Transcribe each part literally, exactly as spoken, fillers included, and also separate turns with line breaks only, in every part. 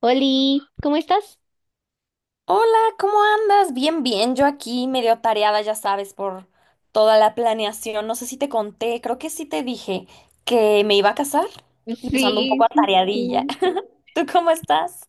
Oli, ¿cómo estás?
Hola, ¿cómo andas? Bien, bien, yo aquí medio tareada, ya sabes, por toda la planeación. No sé si te conté, creo que sí te dije que me iba a casar y pues ando un poco
Sí, sí,
atareadilla.
sí.
¿Tú cómo estás?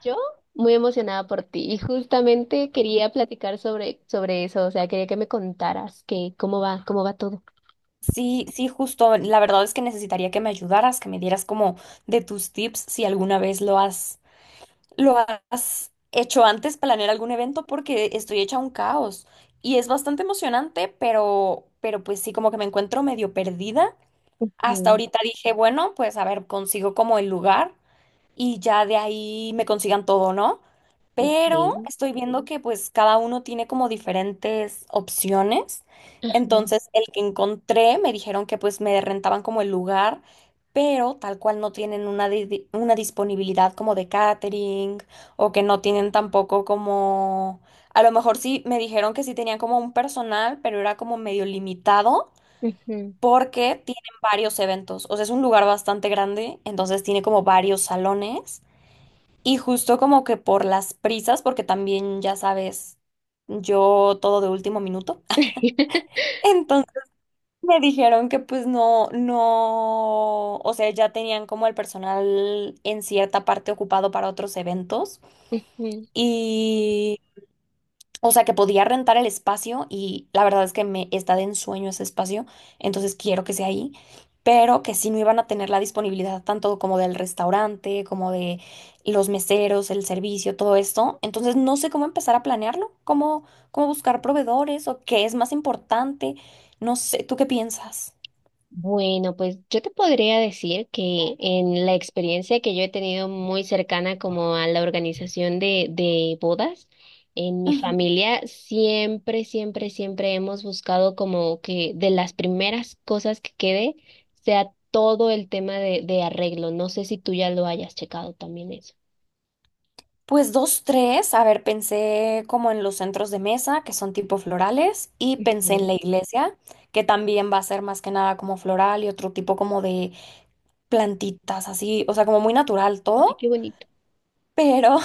Yo muy emocionada por ti y justamente quería platicar sobre, sobre eso, o sea, quería que me contaras que cómo va, cómo va todo.
Sí, sí, justo. La verdad es que necesitaría que me ayudaras, que me dieras como de tus tips si alguna vez lo has, lo has hecho antes, planear algún evento, porque estoy hecha un caos. Y es bastante emocionante, pero, pero pues sí, como que me encuentro medio perdida. Hasta
Mm,
ahorita dije, bueno, pues a ver, consigo como el lugar y ya de ahí me consigan todo, ¿no? Pero
ok.
estoy viendo que pues cada uno tiene como diferentes opciones.
Ujú,
Entonces, el que encontré me dijeron que pues me rentaban como el lugar, pero tal cual no tienen una, di- una disponibilidad como de catering o que no tienen tampoco como... A lo mejor sí me dijeron que sí tenían como un personal, pero era como medio limitado
ujú.
porque tienen varios eventos. O sea, es un lugar bastante grande, entonces tiene como varios salones. Y justo como que por las prisas, porque también ya sabes, yo todo de último minuto. Entonces me dijeron que pues no, no, o sea, ya tenían como el personal en cierta parte ocupado para otros eventos. Y o sea, que podía rentar el espacio y la verdad es que me está de ensueño ese espacio, entonces quiero que sea ahí, pero que sí no iban a tener la disponibilidad tanto como del restaurante, como de los meseros, el servicio, todo esto. Entonces no sé cómo empezar a planearlo, cómo, cómo buscar proveedores o qué es más importante. No sé, ¿tú qué piensas?
Bueno, pues yo te podría decir que en la experiencia que yo he tenido muy cercana como a la organización de, de bodas, en mi
Ujú.
familia siempre, siempre, siempre hemos buscado como que de las primeras cosas que quede sea todo el tema de, de arreglo. No sé si tú ya lo hayas checado también eso.
Pues dos, tres. A ver, pensé como en los centros de mesa, que son tipo florales, y pensé en
Ujú.
la iglesia, que también va a ser más que nada como floral y otro tipo como de plantitas, así, o sea, como muy natural
Ay,
todo,
qué bonito.
pero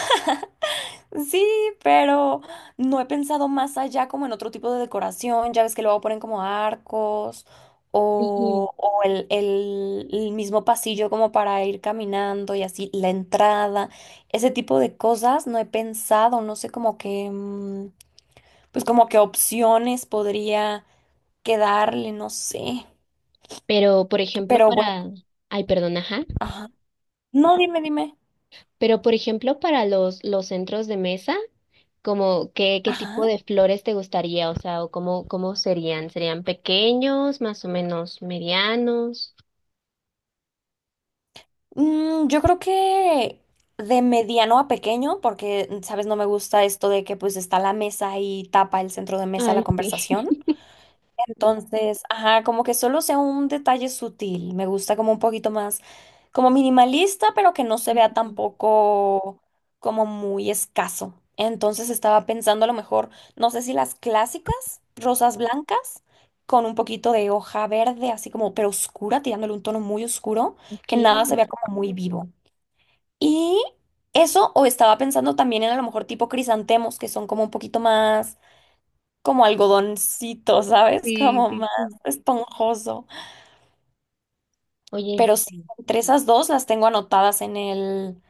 sí, pero no he pensado más allá como en otro tipo de decoración. Ya ves que luego ponen como arcos
Ujú.
o, o el, el- el mismo pasillo como para ir caminando y así la entrada. Ese tipo de cosas no he pensado, no sé como que, mm, pues como qué opciones podría quedarle, no sé.
Pero, por ejemplo,
Pero bueno,
para... Ay, perdón, ajá.
ajá. No, dime, dime.
Pero, por ejemplo, para los, los centros de mesa, como qué, qué tipo
Ajá.
de flores te gustaría, o sea, o cómo, cómo serían, ¿serían pequeños, más o menos medianos?
Mm, yo creo que de mediano a pequeño, porque, mm, sabes, no me gusta esto de que pues está la mesa y tapa el centro de mesa
Ay,
la
sí.
conversación. Entonces, ajá, como que solo sea un detalle sutil. Me gusta como un poquito más, como minimalista, pero que no se vea
Ujú.
tampoco como muy escaso. Entonces estaba pensando a lo mejor, no sé si las clásicas, rosas blancas, con un poquito de hoja verde, así como, pero oscura, tirándole un tono muy oscuro,
Ok.
que nada se vea como muy vivo. Y eso, o estaba pensando también en a lo mejor tipo crisantemos, que son como un poquito más como algodoncito, ¿sabes?
Sí,
Como
sí,
más
sí.
esponjoso.
Oye,
Pero sí, entre esas dos las tengo anotadas en el,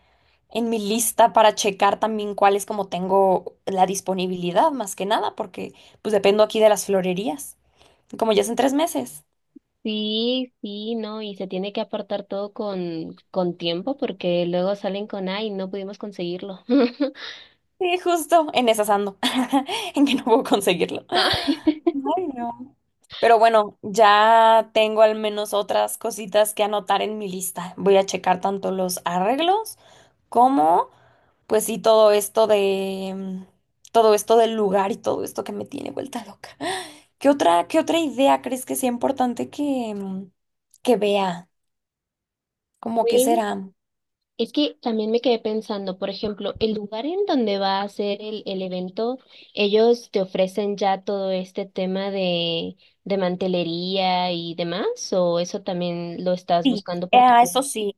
en mi lista para checar también cuáles como tengo la disponibilidad, más que nada, porque pues dependo aquí de las florerías. Y como ya es en tres meses.
sí, sí, no, y se tiene que apartar todo con, con tiempo porque luego salen con, ay, no pudimos conseguirlo.
Sí, justo, en esas ando, en que no puedo conseguirlo.
Ay,
Ay, no. Pero bueno, ya tengo al menos otras cositas que anotar en mi lista. Voy a checar tanto los arreglos cómo, pues sí, todo esto de, mm, todo esto del lugar y todo esto que me tiene vuelta loca. ¿Qué otra, qué otra idea crees que sea importante que, mm, que vea? ¿Cómo que será?
es que también me quedé pensando, por ejemplo, el lugar en donde va a ser el, el evento, ellos te ofrecen ya todo este tema de, de mantelería y demás, o eso también lo estás
Sí,
buscando por tu
ah, eso
cuenta.
sí.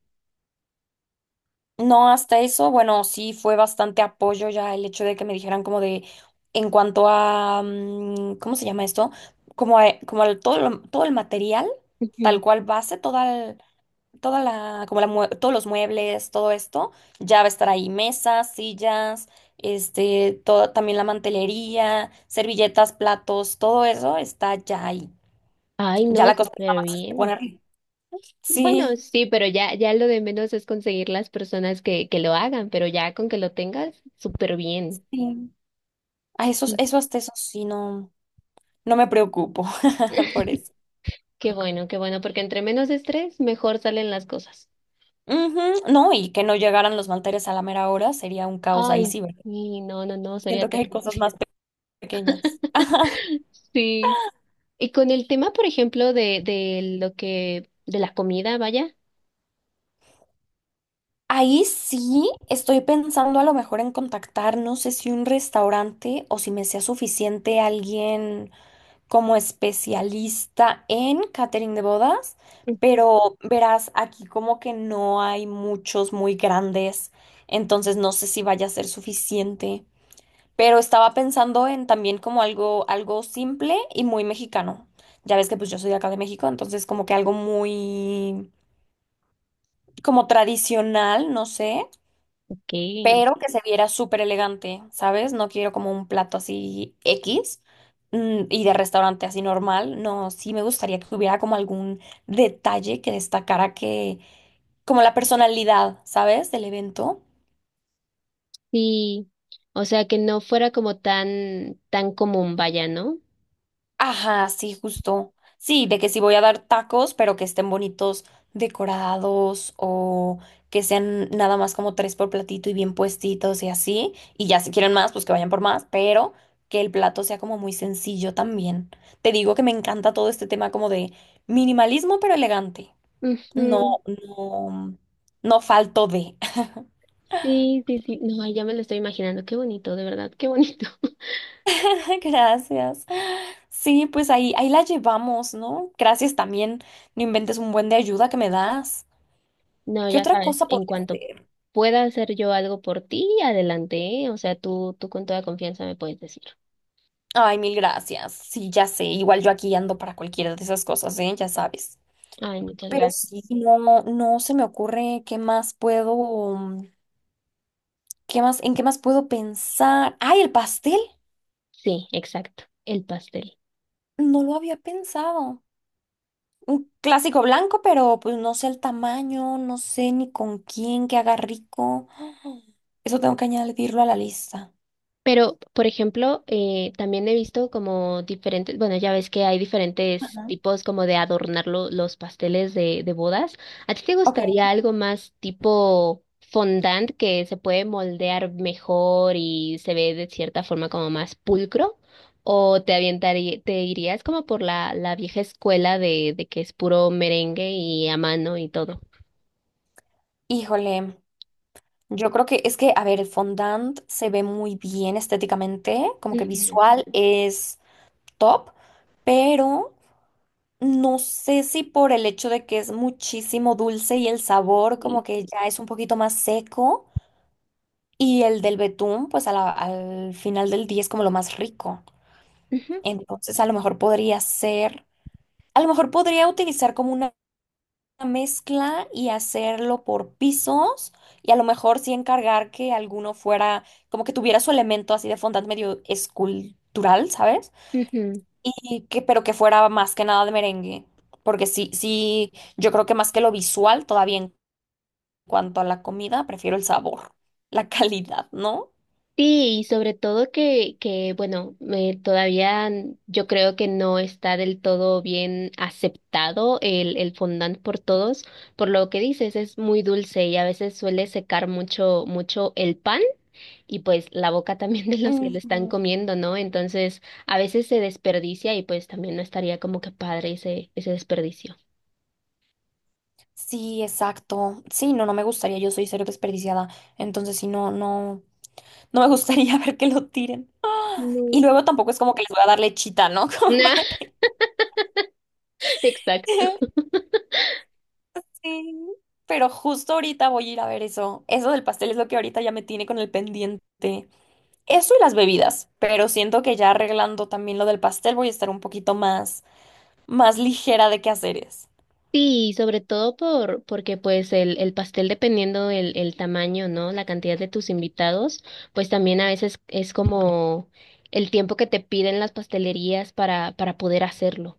No, hasta eso, bueno, sí fue bastante apoyo ya el hecho de que me dijeran como de, en cuanto a, mm, ¿cómo se llama esto? Como, a- como al- todo, lo- todo el material,
Ujú.
tal cual base, toda toda la, como la mue- todos los muebles, todo esto, ya va a estar ahí mesas, sillas, este, todo, también la mantelería, servilletas, platos, todo eso está ya ahí.
Ay,
Ya
no,
la cosa es
súper
nada más
bien.
poner.
Bueno,
Sí,
sí, pero ya, ya lo de menos es conseguir las personas que, que lo hagan, pero ya con que lo tengas, súper bien.
sí. A esos,
Sí.
eso hasta eso sí no, no me preocupo por eso.
Qué bueno, qué bueno, porque entre menos estrés, mejor salen las cosas.
Ujú. No, y que no llegaran los manteles a la mera hora sería un caos ahí
Ay,
sí, ¿verdad?
sí, no, no, no, sería
Siento que hay
terrible.
cosas más pe- pequeñas.
Sí. Y con el tema, por ejemplo, de, de lo que, de la comida, vaya.
Ahí sí estoy pensando a lo mejor en contactar, no sé si un restaurante o si me sea suficiente alguien como especialista en catering de bodas, pero verás, aquí como que no hay muchos muy grandes, entonces no sé si vaya a ser suficiente, pero estaba pensando en también como algo, algo simple y muy mexicano. Ya ves que pues yo soy de acá de México, entonces como que algo muy como tradicional, no sé.
Ok.
Pero que se viera súper elegante, ¿sabes? No quiero como un plato así X, mm, y de restaurante así normal. No, sí me gustaría que hubiera como algún detalle que destacara que, como la personalidad, ¿sabes? Del evento.
Sí. O sea, que no fuera como tan, tan común, vaya, ¿no?
Ajá, sí, justo. Sí, de que si voy a dar tacos, pero que estén bonitos decorados o que sean nada más como tres por platito y bien puestitos y así. Y ya si quieren más, pues que vayan por más, pero que el plato sea como muy sencillo también. Te digo que me encanta todo este tema como de minimalismo, pero elegante. No,
Ujú.
no, no falto de.
Sí, sí, sí. No, ay, ya me lo estoy imaginando. Qué bonito, de verdad, qué bonito.
Gracias. Sí, pues ahí, ahí la llevamos, ¿no? Gracias también. No inventes un buen de ayuda que me das.
No,
¿Qué
ya
otra
sabes,
cosa
en
podría
cuanto
hacer?
pueda hacer yo algo por ti, adelante, ¿eh? O sea, tú, tú con toda confianza me puedes decir.
Ay, mil gracias. Sí, ya sé. Igual yo aquí ando para cualquiera de esas cosas, ¿eh? Ya sabes.
Ay, muchas
Pero
gracias.
sí, no, no se me ocurre qué más puedo, qué más, en qué más puedo pensar. Ay, el pastel.
Sí, exacto. El pastel.
No lo había pensado. Un clásico blanco, pero pues no sé el tamaño, no sé ni con quién que haga rico. Eso tengo que añadirlo a la lista.
Pero, por ejemplo, eh, también he visto como diferentes, bueno, ya ves que hay diferentes
Ajá.
tipos como de adornar lo- los pasteles de, de bodas. ¿A ti te
Ok.
gustaría algo más tipo fondant que se puede moldear mejor y se ve de cierta forma como más pulcro? ¿O te avientaría, te irías como por la, la vieja escuela de, de que es puro merengue y a mano y todo?
Híjole. Yo creo que es que, a ver, el fondant se ve muy bien estéticamente, como que
Ujú.
visual es top, pero no sé si por el hecho de que es muchísimo dulce y el sabor como
Sí.
que ya es un poquito más seco y el del betún, pues a la- al final del día es como lo más rico.
Ujú,
Entonces, a lo mejor podría ser, a lo mejor podría utilizar como una una mezcla y hacerlo por pisos y a lo mejor sí encargar que alguno fuera como que tuviera su elemento así de fondant medio escultural, ¿sabes?
ujú.
Y que pero que fuera más que nada de merengue, porque sí sí yo creo que más que lo visual todavía en cuanto a la comida prefiero el sabor, la calidad, ¿no?
Sí, y sobre todo que, que bueno, eh, todavía n- yo creo que no está del todo bien aceptado el, el fondant por todos, por lo que dices, es muy dulce y a veces suele secar mucho, mucho el pan y pues la boca también de los que lo están
Ujú.
comiendo, ¿no? Entonces, a veces se desperdicia y pues también no estaría como que padre ese, ese desperdicio.
Sí, exacto. Sí, no, no me gustaría. Yo soy cero desperdiciada. Entonces, sí, no, no, no me gustaría ver que lo tiren. Y
No.
luego tampoco es como que les voy a dar lechita, ¿no? Como para
Nah,
que...
exacto.
Sí. Pero justo ahorita voy a ir a ver eso. Eso del pastel es lo que ahorita ya me tiene con el pendiente. Eso y las bebidas. Pero siento que ya arreglando también lo del pastel voy a estar un poquito más, más ligera de qué hacer.
Sí, sobre todo por, porque pues el, el pastel dependiendo el, el tamaño, ¿no? La cantidad de tus invitados, pues también a veces es como el tiempo que te piden las pastelerías para, para poder hacerlo.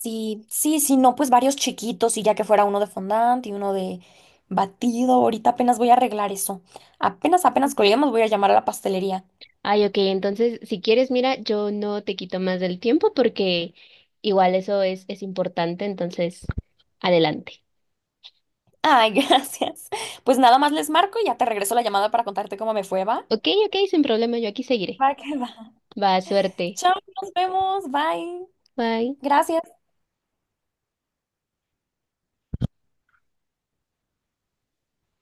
Sí, sí, sí, no, pues varios chiquitos y ya que fuera uno de fondant y uno de batido. Ahorita apenas voy a arreglar eso. Apenas, apenas colguemos voy a llamar a la pastelería.
Ay, ok, entonces si quieres, mira, yo no te quito más del tiempo porque igual eso es, es importante, entonces adelante.
Ay, gracias. Pues nada más les marco y ya te regreso la llamada para contarte cómo me fue, ¿va?
Ok, ok, sin problema, yo aquí seguiré.
Va que va.
Va, suerte.
Chao, nos vemos. Bye.
Bye.
Gracias.